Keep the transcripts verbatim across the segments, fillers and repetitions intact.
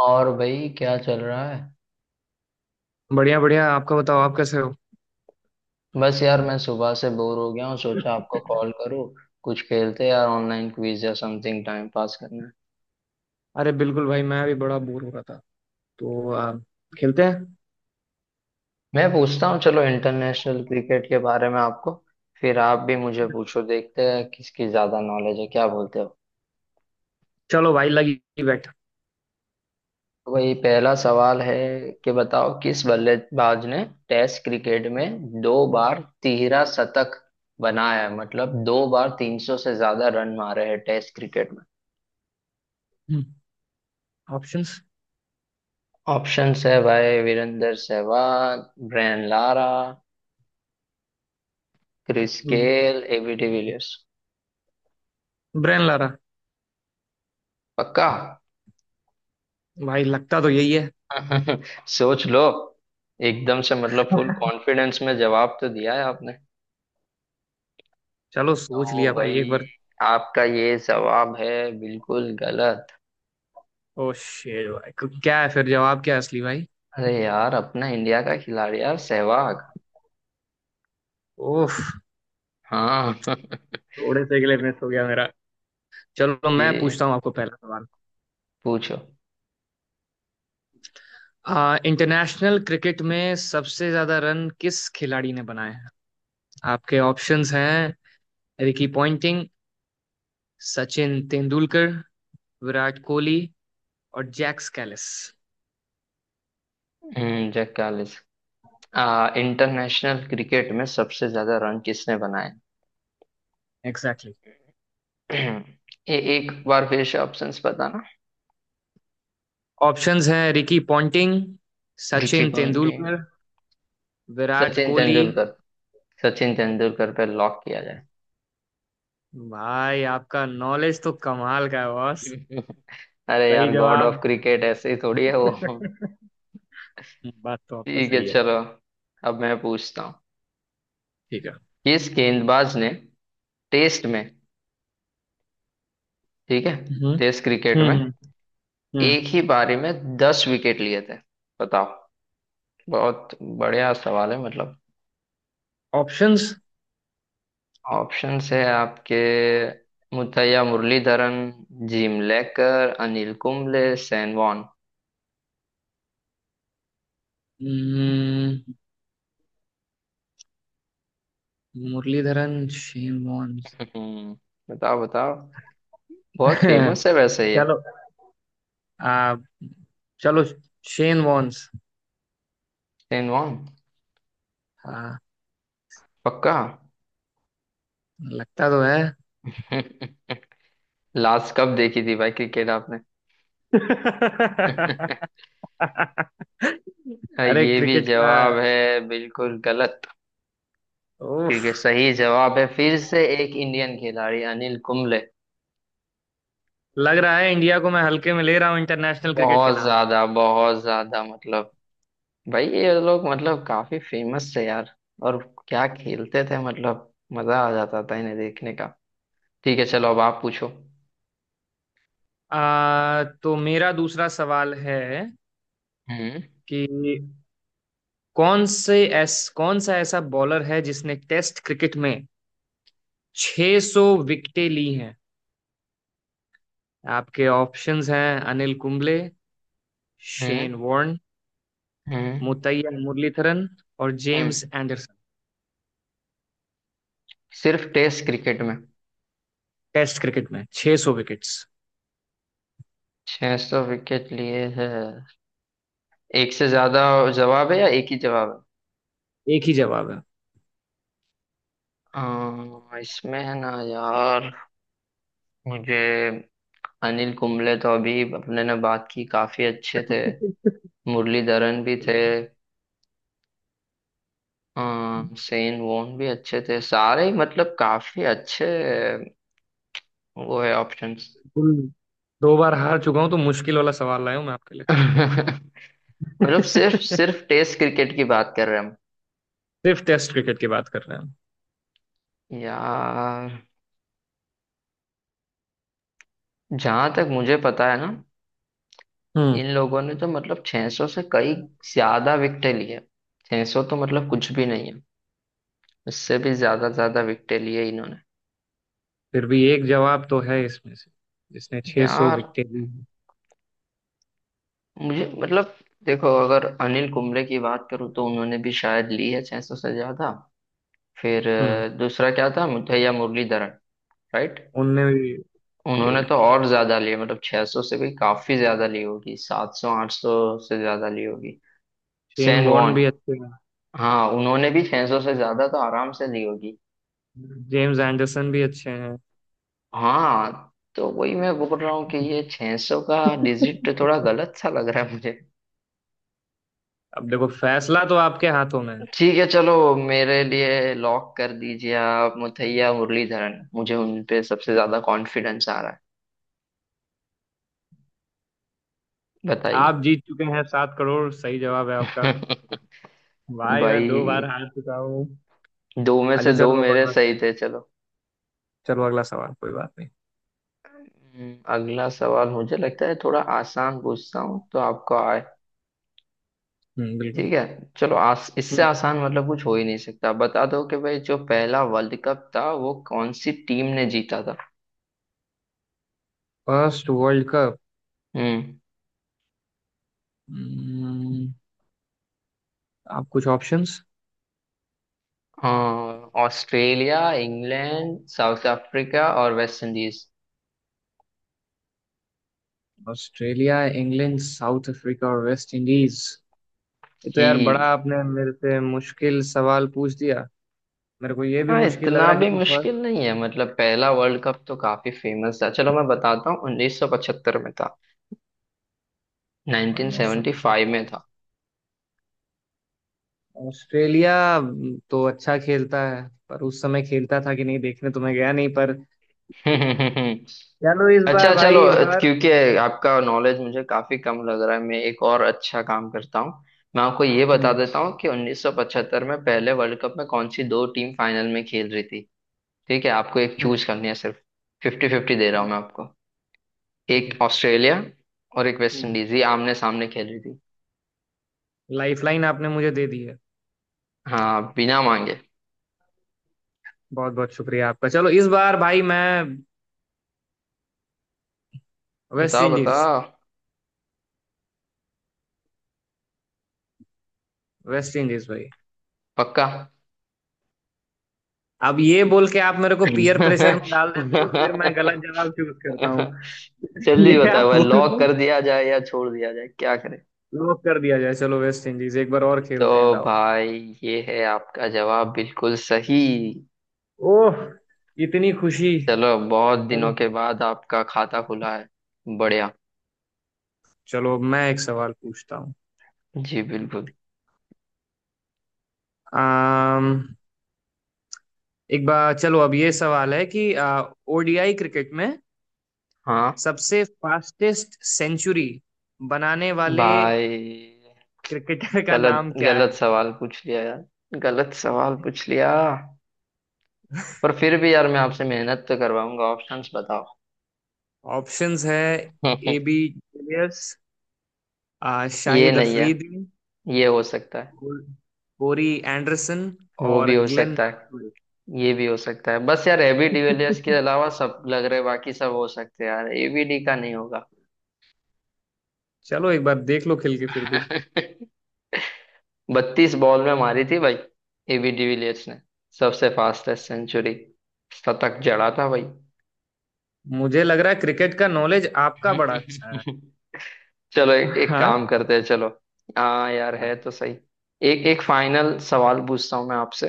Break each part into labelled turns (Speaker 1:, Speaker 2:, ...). Speaker 1: और भाई क्या चल रहा है?
Speaker 2: बढ़िया बढ़िया। आपका बताओ। आप कैसे हो?
Speaker 1: बस यार मैं सुबह से बोर हो गया हूँ, सोचा आपको कॉल करूँ। कुछ खेलते यार, ऑनलाइन क्विज या समथिंग, टाइम पास करना है।
Speaker 2: अरे बिल्कुल भाई, मैं भी बड़ा बोर हो रहा था, तो आ, खेलते हैं।
Speaker 1: मैं पूछता हूँ, चलो इंटरनेशनल क्रिकेट के बारे में आपको। फिर आप भी मुझे पूछो, देखते हैं किसकी ज्यादा नॉलेज है, क्या बोलते हो?
Speaker 2: चलो भाई लगी। बैठ।
Speaker 1: तो भाई पहला सवाल है कि बताओ, किस बल्लेबाज ने टेस्ट क्रिकेट में दो बार तिहरा शतक बनाया है, मतलब दो बार तीन सौ से ज्यादा रन मारे हैं टेस्ट क्रिकेट।
Speaker 2: ऑप्शंस।
Speaker 1: ऑप्शंस है भाई, Virender Sehwag, Brian Lara, Chris Gayle, AB de Villiers.
Speaker 2: Brain ला रहा।
Speaker 1: पक्का?
Speaker 2: भाई, लगता तो यही है।
Speaker 1: सोच लो। एकदम से मतलब फुल कॉन्फिडेंस में जवाब तो दिया है आपने।
Speaker 2: चलो सोच
Speaker 1: तो
Speaker 2: लिया भाई एक
Speaker 1: भाई,
Speaker 2: बार।
Speaker 1: आपका ये जवाब है बिल्कुल गलत।
Speaker 2: ओ शेर भाई, क- क्या है? फिर जवाब क्या है असली भाई?
Speaker 1: अरे यार, अपना इंडिया का खिलाड़ी यार, सहवाग।
Speaker 2: ओह।
Speaker 1: हाँ।
Speaker 2: थोड़े से के लिए मिस हो गया मेरा। चलो, मैं
Speaker 1: ये
Speaker 2: पूछता हूँ आपको पहला सवाल।
Speaker 1: पूछो।
Speaker 2: आ, इंटरनेशनल क्रिकेट में सबसे ज्यादा रन किस खिलाड़ी ने बनाए हैं? आपके ऑप्शंस हैं रिकी पॉन्टिंग, सचिन तेंदुलकर, विराट कोहली और जैक स्कैलिस।
Speaker 1: हम्म, जैक कालिस। आ इंटरनेशनल क्रिकेट में सबसे ज्यादा रन किसने बनाए?
Speaker 2: Exactly, exactly।
Speaker 1: ए, एक बार फिर से ऑप्शंस बताना।
Speaker 2: ऑप्शंस हैं Ricky Ponting,
Speaker 1: Ricky
Speaker 2: Sachin
Speaker 1: Ponting,
Speaker 2: Tendulkar, Virat
Speaker 1: Sachin
Speaker 2: Kohli.
Speaker 1: Tendulkar. Sachin Tendulkar पे लॉक किया
Speaker 2: भाई, आपका नॉलेज तो कमाल का है बॉस।
Speaker 1: जाए? अरे
Speaker 2: सही
Speaker 1: यार, गॉड ऑफ
Speaker 2: जवाब।
Speaker 1: क्रिकेट ऐसे ही थोड़ी है वो।
Speaker 2: बात तो आपका
Speaker 1: ठीक है,
Speaker 2: सही है।
Speaker 1: चलो अब मैं पूछता हूँ।
Speaker 2: ठीक है।
Speaker 1: किस गेंदबाज ने टेस्ट में, ठीक है,
Speaker 2: हम्म,
Speaker 1: टेस्ट क्रिकेट में
Speaker 2: हम्म, हम्म।
Speaker 1: एक ही पारी में दस विकेट लिए थे, बताओ। बहुत बढ़िया सवाल है मतलब।
Speaker 2: ऑप्शंस।
Speaker 1: ऑप्शंस है आपके, Muttiah Muralitharan, Jim Laker, Anil Kumble, Shane Warne.
Speaker 2: Muralitharan, Shane Warne's.
Speaker 1: हम्म, बताओ बताओ। बहुत फेमस है वैसे ये।
Speaker 2: चलो। आ, चलो, शेन वॉन्स।
Speaker 1: Shane Warne?
Speaker 2: हाँ।
Speaker 1: पक्का?
Speaker 2: लगता तो है।
Speaker 1: लास्ट कब देखी थी भाई क्रिकेट आपने?
Speaker 2: अरे,
Speaker 1: ये भी
Speaker 2: क्रिकेट का।
Speaker 1: जवाब है बिल्कुल गलत।
Speaker 2: उफ।
Speaker 1: क्योंकि सही जवाब है फिर से एक इंडियन खिलाड़ी, अनिल कुंबले।
Speaker 2: लग रहा है इंडिया को मैं हल्के में ले रहा हूँ इंटरनेशनल क्रिकेट के
Speaker 1: बहुत
Speaker 2: नाम पे।
Speaker 1: ज्यादा, बहुत ज्यादा, मतलब भाई ये लोग मतलब काफी फेमस थे यार। और क्या खेलते थे मतलब, मजा आ जाता था इन्हें देखने का। ठीक है, चलो अब आप पूछो।
Speaker 2: आ, तो मेरा दूसरा सवाल है
Speaker 1: हम्म।
Speaker 2: कि कौन से ऐस कौन सा ऐसा बॉलर है जिसने टेस्ट क्रिकेट में छह सौ विकेटें ली हैं? आपके ऑप्शंस हैं Anil Kumble, Shane
Speaker 1: hmm.
Speaker 2: Warne,
Speaker 1: hmm.
Speaker 2: Muttiah Muralitharan और
Speaker 1: हम्म।
Speaker 2: James Anderson.
Speaker 1: सिर्फ टेस्ट क्रिकेट में
Speaker 2: टेस्ट क्रिकेट में छह सौ विकेट्स।
Speaker 1: छह सौ विकेट लिए है, एक से ज्यादा जवाब है या एक ही जवाब है?
Speaker 2: एक ही जवाब।
Speaker 1: अ, इसमें है ना यार, मुझे अनिल कुंबले तो अभी अपने ने बात की, काफी अच्छे थे।
Speaker 2: है
Speaker 1: मुरलीधरन भी थे। हाँ, सेन वोन भी अच्छे थे, सारे ही मतलब काफी अच्छे। वो है ऑप्शंस।
Speaker 2: फुल। दो बार हार चुका हूँ तो मुश्किल वाला सवाल लाया हूँ मैं आपके लिए।
Speaker 1: मतलब सिर्फ सिर्फ टेस्ट क्रिकेट की बात कर रहे हैं हम।
Speaker 2: सिर्फ टेस्ट क्रिकेट की बात कर रहे हैं।
Speaker 1: यार, जहां तक मुझे पता है ना,
Speaker 2: हम। हम्म।
Speaker 1: इन लोगों ने तो मतलब छह सौ से कई ज्यादा विकेट लिए। छह सौ तो मतलब कुछ भी नहीं है, उससे भी ज्यादा ज्यादा विकेट लिए इन्होंने।
Speaker 2: फिर भी एक जवाब तो है इसमें से जिसने 600 सौ
Speaker 1: यार,
Speaker 2: विकेटें ली हैं।
Speaker 1: मुझे मतलब, देखो अगर अनिल कुंबले की बात करूँ तो उन्होंने भी शायद ली है छह सौ से ज्यादा। फिर
Speaker 2: हम्म।
Speaker 1: अ, दूसरा क्या था, मुथैया मुरलीधरन, राइट।
Speaker 2: उनने भी ले
Speaker 1: उन्होंने तो
Speaker 2: रखी है।
Speaker 1: और ज्यादा लिए, मतलब छह सौ से भी काफी ज्यादा ली होगी, सात सौ आठ सौ से ज्यादा ली होगी।
Speaker 2: शेन
Speaker 1: सैन
Speaker 2: बॉर्न
Speaker 1: वॉन,
Speaker 2: भी अच्छे हैं।
Speaker 1: हाँ, उन्होंने भी छह सौ से ज्यादा तो आराम से ली होगी।
Speaker 2: जेम्स एंडरसन भी अच्छे हैं।
Speaker 1: हाँ, तो वही मैं बोल रहा हूँ कि ये छह सौ का डिजिट थोड़ा गलत सा लग रहा है मुझे।
Speaker 2: अब देखो, फैसला तो आपके हाथों में है।
Speaker 1: ठीक है, चलो मेरे लिए लॉक कर दीजिए आप मुथैया मुरलीधरन, मुझे उन पे सबसे ज्यादा कॉन्फिडेंस आ रहा है, बताइए।
Speaker 2: आप जीत चुके हैं सात करोड़। सही जवाब है आपका। भाई, मैं दो बार
Speaker 1: भाई,
Speaker 2: हार चुका हूँ।
Speaker 1: दो में
Speaker 2: अच्छा
Speaker 1: से दो
Speaker 2: चलो, अब
Speaker 1: मेरे
Speaker 2: अगला
Speaker 1: सही
Speaker 2: सवाल।
Speaker 1: थे, चलो।
Speaker 2: चलो अगला सवाल, कोई बात नहीं।
Speaker 1: हम्म, अगला सवाल मुझे लगता है थोड़ा आसान पूछता हूँ, तो आपको आए।
Speaker 2: हम्म, बिल्कुल।
Speaker 1: ठीक है, चलो, आस इससे
Speaker 2: हम्म।
Speaker 1: आसान मतलब कुछ हो ही नहीं सकता, बता दो कि भाई जो पहला वर्ल्ड कप था वो कौन सी टीम ने जीता था।
Speaker 2: First world cup.
Speaker 1: Hmm.
Speaker 2: Hmm, आप कुछ ऑप्शंस?
Speaker 1: हाँ, ऑस्ट्रेलिया, इंग्लैंड, साउथ अफ्रीका और West Indies.
Speaker 2: Australia, England, South Africa और वेस्ट इंडीज। ये तो यार, बड़ा
Speaker 1: जी।
Speaker 2: आपने मेरे से मुश्किल सवाल पूछ दिया। मेरे को ये भी
Speaker 1: हाँ,
Speaker 2: मुश्किल लग
Speaker 1: इतना
Speaker 2: रहा है
Speaker 1: भी
Speaker 2: क्योंकि
Speaker 1: मुश्किल
Speaker 2: फर्स्ट।
Speaker 1: नहीं है मतलब, पहला वर्ल्ड कप तो काफी फेमस था, चलो मैं बताता हूँ उन्नीस सौ पचहत्तर में था।
Speaker 2: उन्नीस सौ
Speaker 1: नाइन्टीन सेवेंटी फाइव में
Speaker 2: पचहत्तर।
Speaker 1: था।
Speaker 2: ऑस्ट्रेलिया हम्म, तो अच्छा खेलता है, पर उस समय खेलता था कि नहीं, देखने तो मैं गया नहीं पर। चलो इस बार
Speaker 1: अच्छा, चलो।
Speaker 2: भाई, इस बार।
Speaker 1: क्योंकि आपका नॉलेज मुझे काफी कम लग रहा है, मैं एक और अच्छा काम करता हूँ। मैं आपको ये बता
Speaker 2: हम्म,
Speaker 1: देता हूँ कि उन्नीस सौ पचहत्तर में पहले वर्ल्ड कप में कौन सी दो टीम फाइनल में खेल रही थी। ठीक है, आपको एक
Speaker 2: हम्म।
Speaker 1: चूज करनी है सिर्फ, फिफ्टी फिफ्टी दे रहा हूँ
Speaker 2: हम्म,
Speaker 1: मैं आपको।
Speaker 2: ठीक
Speaker 1: एक
Speaker 2: है।
Speaker 1: ऑस्ट्रेलिया और एक वेस्ट
Speaker 2: हम्म।
Speaker 1: इंडीज, ये आमने सामने खेल रही थी।
Speaker 2: लाइफ लाइन आपने मुझे दे दी है।
Speaker 1: हाँ, बिना मांगे।
Speaker 2: बहुत बहुत शुक्रिया आपका। चलो इस बार भाई, मैं। वेस्ट
Speaker 1: बताओ
Speaker 2: इंडीज।
Speaker 1: बताओ,
Speaker 2: वेस्ट इंडीज भाई।
Speaker 1: पक्का?
Speaker 2: अब ये बोल के आप मेरे को पीयर प्रेशर में डाल देते हो, फिर मैं गलत जवाब चूज करता हूँ।
Speaker 1: जल्दी
Speaker 2: ये
Speaker 1: बताओ
Speaker 2: आप
Speaker 1: भाई,
Speaker 2: बोल
Speaker 1: लॉक
Speaker 2: के।
Speaker 1: कर दिया जाए या छोड़ दिया जाए, क्या करें?
Speaker 2: लॉक कर दिया जाए, चलो वेस्ट इंडीज, एक बार और
Speaker 1: तो
Speaker 2: खेलते हैं दाव।
Speaker 1: भाई, ये है आपका जवाब, बिल्कुल सही।
Speaker 2: ओह। इतनी खुशी।
Speaker 1: चलो, बहुत
Speaker 2: अरे।
Speaker 1: दिनों के बाद आपका खाता खुला है। बढ़िया।
Speaker 2: चलो मैं एक सवाल पूछता हूँ।
Speaker 1: जी बिल्कुल।
Speaker 2: आम, एक बार चलो, अब ये सवाल है कि ओडीआई क्रिकेट में
Speaker 1: हाँ।
Speaker 2: सबसे फास्टेस्ट सेंचुरी बनाने वाले
Speaker 1: भाई,
Speaker 2: क्रिकेटर का
Speaker 1: गलत
Speaker 2: नाम क्या
Speaker 1: गलत
Speaker 2: है?
Speaker 1: सवाल पूछ लिया यार, गलत सवाल पूछ लिया। पर फिर भी यार, मैं आपसे मेहनत तो करवाऊंगा, ऑप्शंस बताओ।
Speaker 2: ऑप्शंस है ए बी डिविलियर्स,
Speaker 1: ये
Speaker 2: शाहिद
Speaker 1: नहीं है।
Speaker 2: अफरीदी,
Speaker 1: ये हो सकता है।
Speaker 2: कोर- कोरी एंडरसन
Speaker 1: वो
Speaker 2: और
Speaker 1: भी हो
Speaker 2: ग्लेन
Speaker 1: सकता
Speaker 2: मैक्सवेल।
Speaker 1: है। ये भी हो सकता है, बस यार एबी डिविलियर्स के अलावा सब लग रहे, बाकी सब हो सकते हैं यार, एबी डी का नहीं होगा।
Speaker 2: चलो एक बार देख लो खेल के फिर भी।
Speaker 1: बत्तीस बॉल में मारी थी भाई, एबी डिविलियर्स ने सबसे फास्टेस्ट सेंचुरी, शतक जड़ा था भाई।
Speaker 2: मुझे लग रहा है क्रिकेट का नॉलेज आपका बड़ा अच्छा है।
Speaker 1: चलो, एक, एक
Speaker 2: हाँ,
Speaker 1: काम करते हैं, चलो। हाँ यार,
Speaker 2: हाँ,
Speaker 1: है तो सही। एक एक फाइनल सवाल पूछता हूँ मैं आपसे।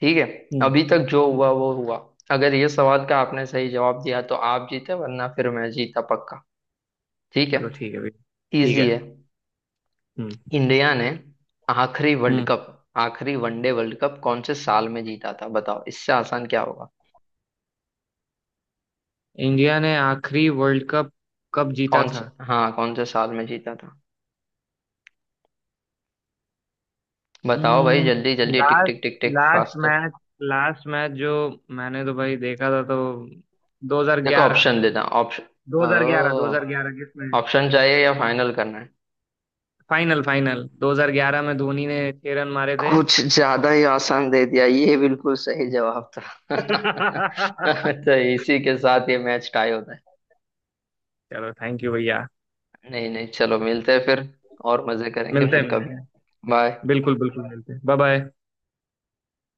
Speaker 1: ठीक है,
Speaker 2: हम्म।
Speaker 1: अभी तक जो
Speaker 2: ठीक
Speaker 1: हुआ
Speaker 2: है।
Speaker 1: वो हुआ। अगर ये सवाल का आपने सही जवाब दिया तो आप जीते, वरना फिर मैं जीता, पक्का? ठीक है,
Speaker 2: चलो ठीक है भैया। ठीक
Speaker 1: इजी
Speaker 2: है।
Speaker 1: है।
Speaker 2: हम्म,
Speaker 1: इंडिया ने आखिरी वर्ल्ड
Speaker 2: हम्म।
Speaker 1: कप, आखिरी वनडे वर्ल्ड कप कौन से साल में जीता था, बताओ, इससे आसान क्या होगा?
Speaker 2: इंडिया ने आखिरी वर्ल्ड कप कब जीता
Speaker 1: कौन से
Speaker 2: था?
Speaker 1: हाँ, कौन से साल में जीता था? बताओ भाई जल्दी जल्दी, tick
Speaker 2: last.
Speaker 1: Tick tick tick,
Speaker 2: last
Speaker 1: fast.
Speaker 2: Match. Last match जो मैंने तो भाई देखा था, तो
Speaker 1: देखो
Speaker 2: दो हज़ार ग्यारह।
Speaker 1: ऑप्शन देता, ऑप्शन।
Speaker 2: दो हज़ार ग्यारह, दो हज़ार ग्यारह किसमें?
Speaker 1: ऑप्शन चाहिए या फाइनल करना है?
Speaker 2: फाइनल, फाइनल दो हज़ार ग्यारह में धोनी ने छह रन मारे थे।
Speaker 1: कुछ ज्यादा ही आसान दे दिया, ये बिल्कुल सही जवाब था।
Speaker 2: चलो।
Speaker 1: तो इसी के साथ ये मैच टाई होता है।
Speaker 2: चलो थैंक यू भैया।
Speaker 1: नहीं नहीं, चलो मिलते हैं फिर, और मजे करेंगे
Speaker 2: मिलते हैं,
Speaker 1: फिर कभी।
Speaker 2: मिलते हैं।
Speaker 1: बाय।
Speaker 2: बिल्कुल बिल्कुल, मिलते हैं, बाय बाय।